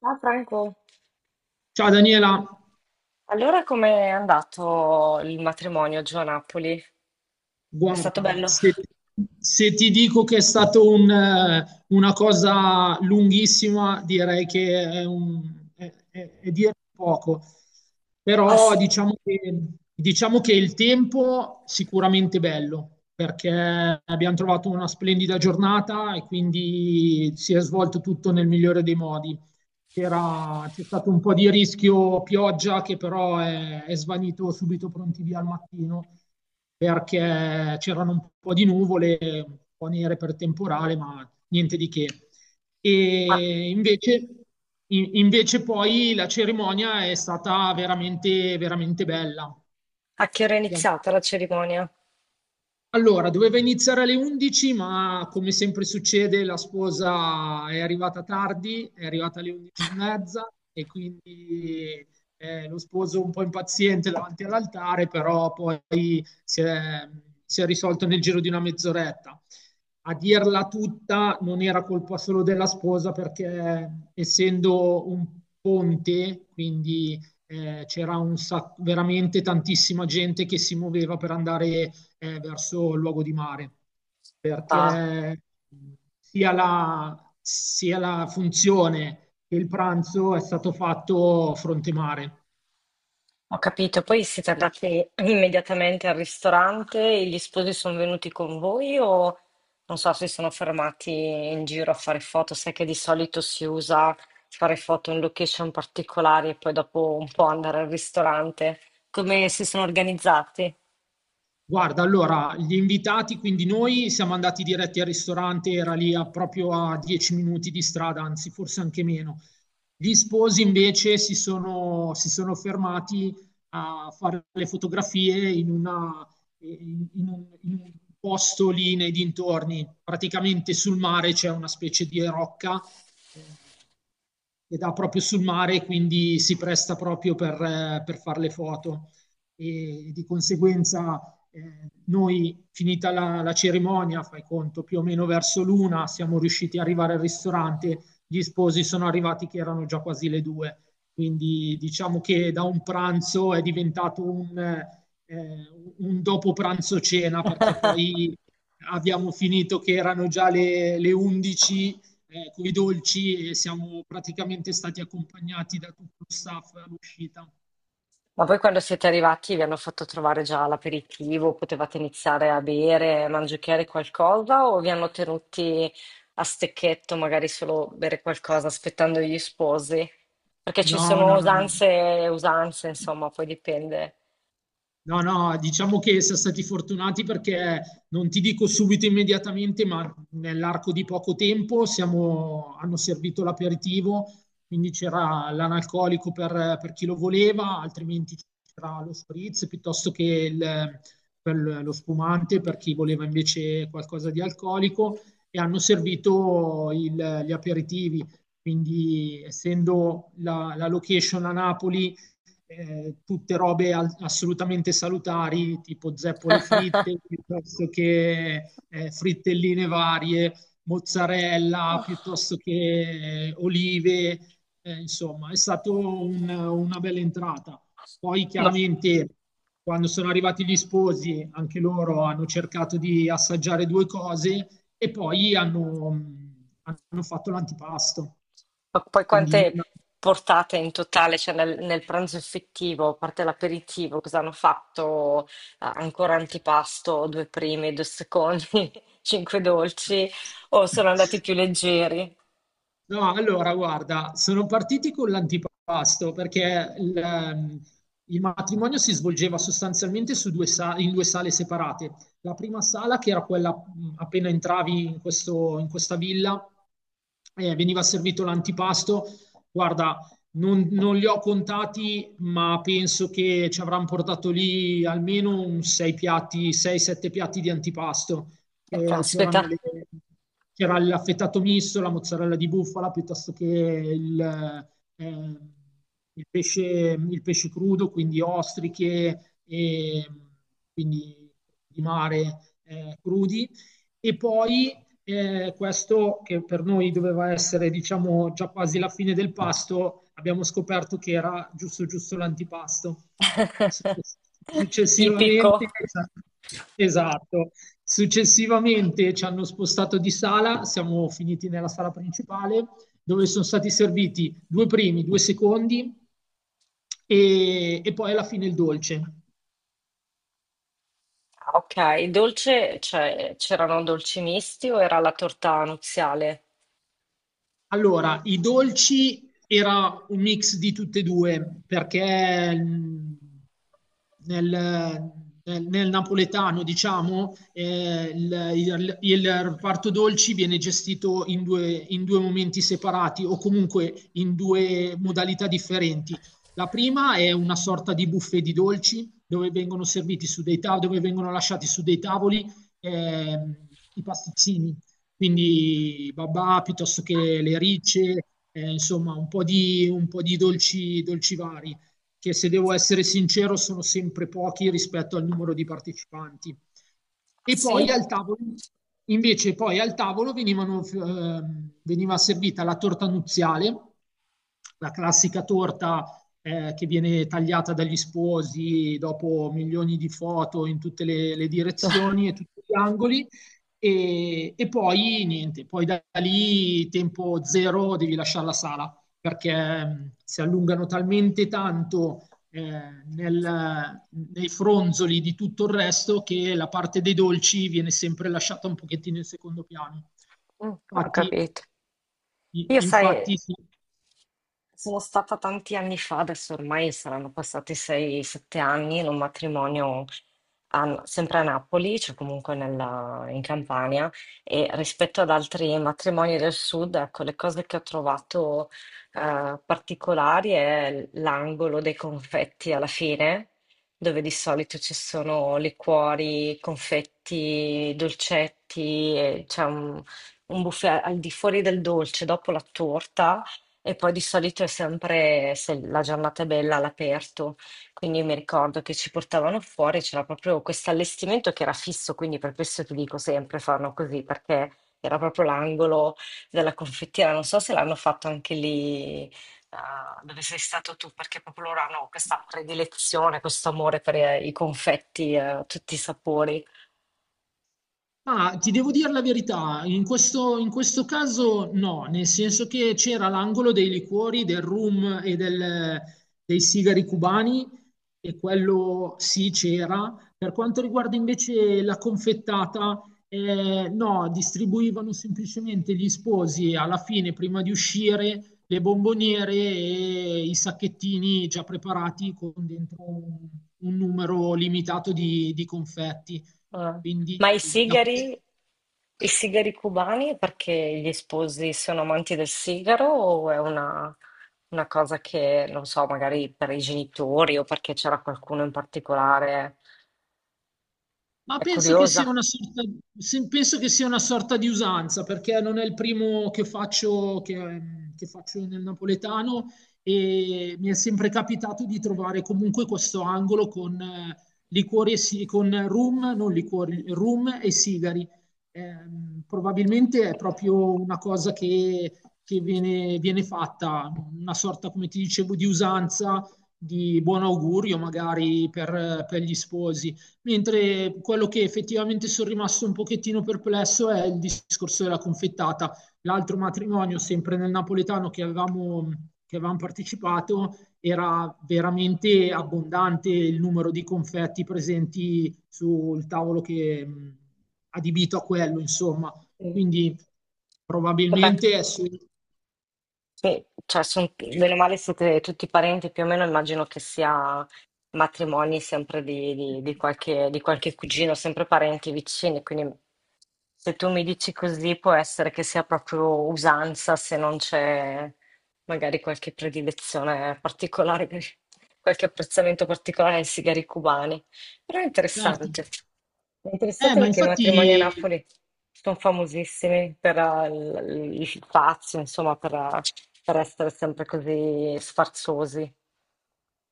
Ah, Franco, Ciao Daniela, allora com'è andato il matrimonio giù a Napoli? È stato guarda, bello? se ti dico che è stata una cosa lunghissima, direi che è, un, è dire poco. Ah Però sì, diciamo che il tempo sicuramente bello, perché abbiamo trovato una splendida giornata e quindi si è svolto tutto nel migliore dei modi. C'è stato un po' di rischio pioggia che però è svanito subito pronti via al mattino perché c'erano un po' di nuvole, un po' nere per temporale, ma niente di che. ma E invece, invece poi la cerimonia è stata veramente, veramente bella. a che ora è iniziata la cerimonia? Allora, doveva iniziare alle 11, ma come sempre succede, la sposa è arrivata tardi, è arrivata alle 11 e mezza e quindi lo sposo un po' impaziente davanti all'altare, però poi si è, si è risolto nel giro di una mezz'oretta. A dirla tutta non era colpa solo della sposa perché essendo un ponte, quindi c'era un veramente tantissima gente che si muoveva per andare verso il luogo di mare, Ah, perché sia la funzione che il pranzo è stato fatto fronte mare. ho capito. Poi siete andati immediatamente al ristorante e gli sposi sono venuti con voi o non so se sono fermati in giro a fare foto? Sai che di solito si usa fare foto in location particolari e poi dopo un po' andare al ristorante. Come si sono organizzati? Guarda, allora, gli invitati, quindi noi siamo andati diretti al ristorante, era lì proprio a 10 minuti di strada, anzi forse anche meno. Gli sposi invece si sono fermati a fare le fotografie in una- in- in un posto lì nei dintorni. Praticamente sul mare c'è una specie di rocca eh, che dà proprio sul mare, quindi si presta proprio per fare le foto. E di conseguenza eh, noi, finita la cerimonia, fai conto, più o meno verso l'una, siamo riusciti ad arrivare al ristorante, gli sposi sono arrivati che erano già quasi le due. Quindi diciamo che da un pranzo è diventato un dopo pranzo cena, perché poi abbiamo finito che erano già le 11 con i dolci e siamo praticamente stati accompagnati da tutto lo staff all'uscita. Ma poi quando siete arrivati vi hanno fatto trovare già l'aperitivo, potevate iniziare a bere, a mangiare qualcosa o vi hanno tenuti a stecchetto, magari solo bere qualcosa aspettando gli sposi? Perché ci No, sono no, no, no, no. usanze e usanze, insomma, poi dipende. No, no, diciamo che siamo stati fortunati perché non ti dico subito immediatamente, ma nell'arco di poco tempo hanno servito l'aperitivo, quindi c'era l'analcolico per chi lo voleva, altrimenti c'era lo spritz piuttosto che il- per lo spumante per chi voleva invece qualcosa di alcolico e hanno servito gli aperitivi. Quindi, essendo la location a Napoli, tutte robe assolutamente salutari, tipo zeppole fritte, piuttosto che frittelline varie, mozzarella, piuttosto che olive, insomma, è stata una bella entrata. Poi Ma chiaramente quando sono arrivati gli sposi, anche loro hanno cercato di assaggiare due cose e poi hanno fatto l'antipasto. Ma poi Quindi quante portate in totale, cioè nel pranzo effettivo, a parte l'aperitivo, cosa hanno fatto? Ah, ancora antipasto, due primi, due secondi, cinque dolci, o sono andati più leggeri? no, allora, guarda, sono partiti con l'antipasto perché il matrimonio si svolgeva sostanzialmente in due sale separate. La prima sala, che era quella appena entravi in questa villa, veniva servito l'antipasto. Guarda, non li ho contati, ma penso che ci avranno portato lì almeno un sei piatti, 6-7 piatti di antipasto che caspita. c'erano c'era l'affettato misto, la mozzarella di bufala, piuttosto che eh, il pesce, il pesce crudo, quindi ostriche, e, quindi di mare crudi. E poi questo che per noi doveva essere diciamo già quasi la fine del pasto, abbiamo scoperto che era giusto giusto l'antipasto. Tipico. Successivamente, esatto, successivamente ci hanno spostato di sala, siamo finiti nella sala principale dove sono stati serviti due primi, due secondi e poi alla fine il dolce. Ah, ok, dolce, cioè c'erano dolci misti o era la torta nuziale? Allora, i dolci era un mix di tutte e due, perché nel, nel napoletano, diciamo, il reparto dolci viene gestito in due momenti separati o comunque in due modalità differenti. La prima è una sorta di buffet di dolci dove vengono serviti su dei tav- dove vengono lasciati su dei tavoli ehm, i pasticcini quindi babà piuttosto Ah, che le ricce, insomma un po' di dolci, dolci vari, che se devo essere sincero sono sempre pochi rispetto al numero di partecipanti. E poi sì. al tavolo, invece poi al tavolo veniva servita la torta nuziale, la classica torta che viene tagliata dagli sposi dopo milioni di foto in tutte le direzioni e tutti gli angoli. E poi niente, poi da lì tempo zero devi lasciare la sala perché si allungano talmente tanto nei fronzoli di tutto il resto che la parte dei dolci viene sempre lasciata un pochettino in secondo piano. Ho Infatti, capito. Io sai, infatti sì. sono stata tanti anni fa, adesso ormai saranno passati 6-7 anni, in un matrimonio a- sempre a Napoli, cioè comunque nella- in Campania, e rispetto ad altri matrimoni del sud, ecco, le cose che ho trovato particolari è l'angolo dei confetti alla fine, dove di solito ci sono liquori, confetti, dolcetti, e c'è un buffet al di fuori del dolce, dopo la torta, e poi di solito è sempre, se la giornata è bella, all'aperto. Quindi mi ricordo che ci portavano fuori, c'era proprio questo allestimento che era fisso, quindi per questo ti dico sempre fanno così, perché era proprio l'angolo della confettiera. Non so se l'hanno fatto anche lì, dove sei stato tu, perché proprio loro hanno questa predilezione, questo amore per i confetti, tutti i sapori. Ma ti devo dire la verità, in questo caso no, nel senso che c'era l'angolo dei liquori, del rum e dei sigari cubani, e quello sì c'era. Per quanto riguarda invece la confettata, no, distribuivano semplicemente gli sposi alla fine, prima di uscire, le bomboniere e i sacchettini già preparati con dentro un numero limitato di confetti. Ah. Quindi Ma da questo... i sigari cubani, perché gli sposi sono amanti del sigaro o è una cosa che, non so, magari per i genitori o perché c'era qualcuno in particolare? Ma È penso che sia curiosa. una sorta, penso che sia una sorta di usanza, perché non è il primo che faccio, che faccio nel napoletano e mi è sempre capitato di trovare comunque questo angolo con liquori e con rum, non liquori, rum e sigari. Probabilmente è proprio una cosa che viene fatta, una sorta, come ti dicevo, di usanza, di buon augurio magari per gli sposi. Mentre quello che effettivamente sono rimasto un pochettino perplesso è il discorso della confettata. L'altro matrimonio, sempre nel napoletano che avevamo partecipato, era veramente abbondante il numero di confetti presenti sul tavolo che adibito a quello, insomma. Sì. Quindi Vabbè. probabilmente è su... Sì, cioè, son- bene o male siete tutti parenti, più o meno immagino che sia matrimoni sempre di, di qualche, di qualche cugino, sempre parenti vicini, quindi se tu mi dici così può essere che sia proprio usanza se non c'è magari qualche predilezione particolare, qualche apprezzamento particolare ai sigari cubani, però è Certo. interessante. È interessante Ma perché i matrimoni a infatti Napoli sono famosissimi per il fazio, insomma, per essere sempre così sfarzosi.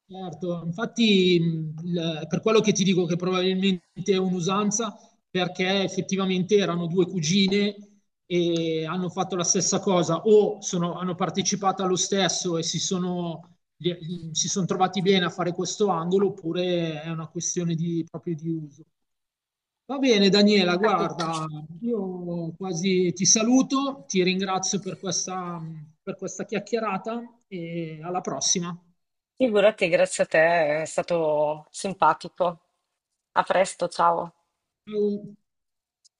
certo, infatti per quello che ti dico che probabilmente è un'usanza, perché effettivamente erano due cugine e hanno fatto la stessa cosa hanno partecipato allo stesso e si sono trovati bene a fare questo angolo oppure è una questione di, proprio di uso. Va bene, Daniela, Capito. guarda, io quasi ti saluto, ti ringrazio per per questa chiacchierata e alla prossima. Figurati, grazie a te, è stato simpatico. A presto, ciao. Ciao.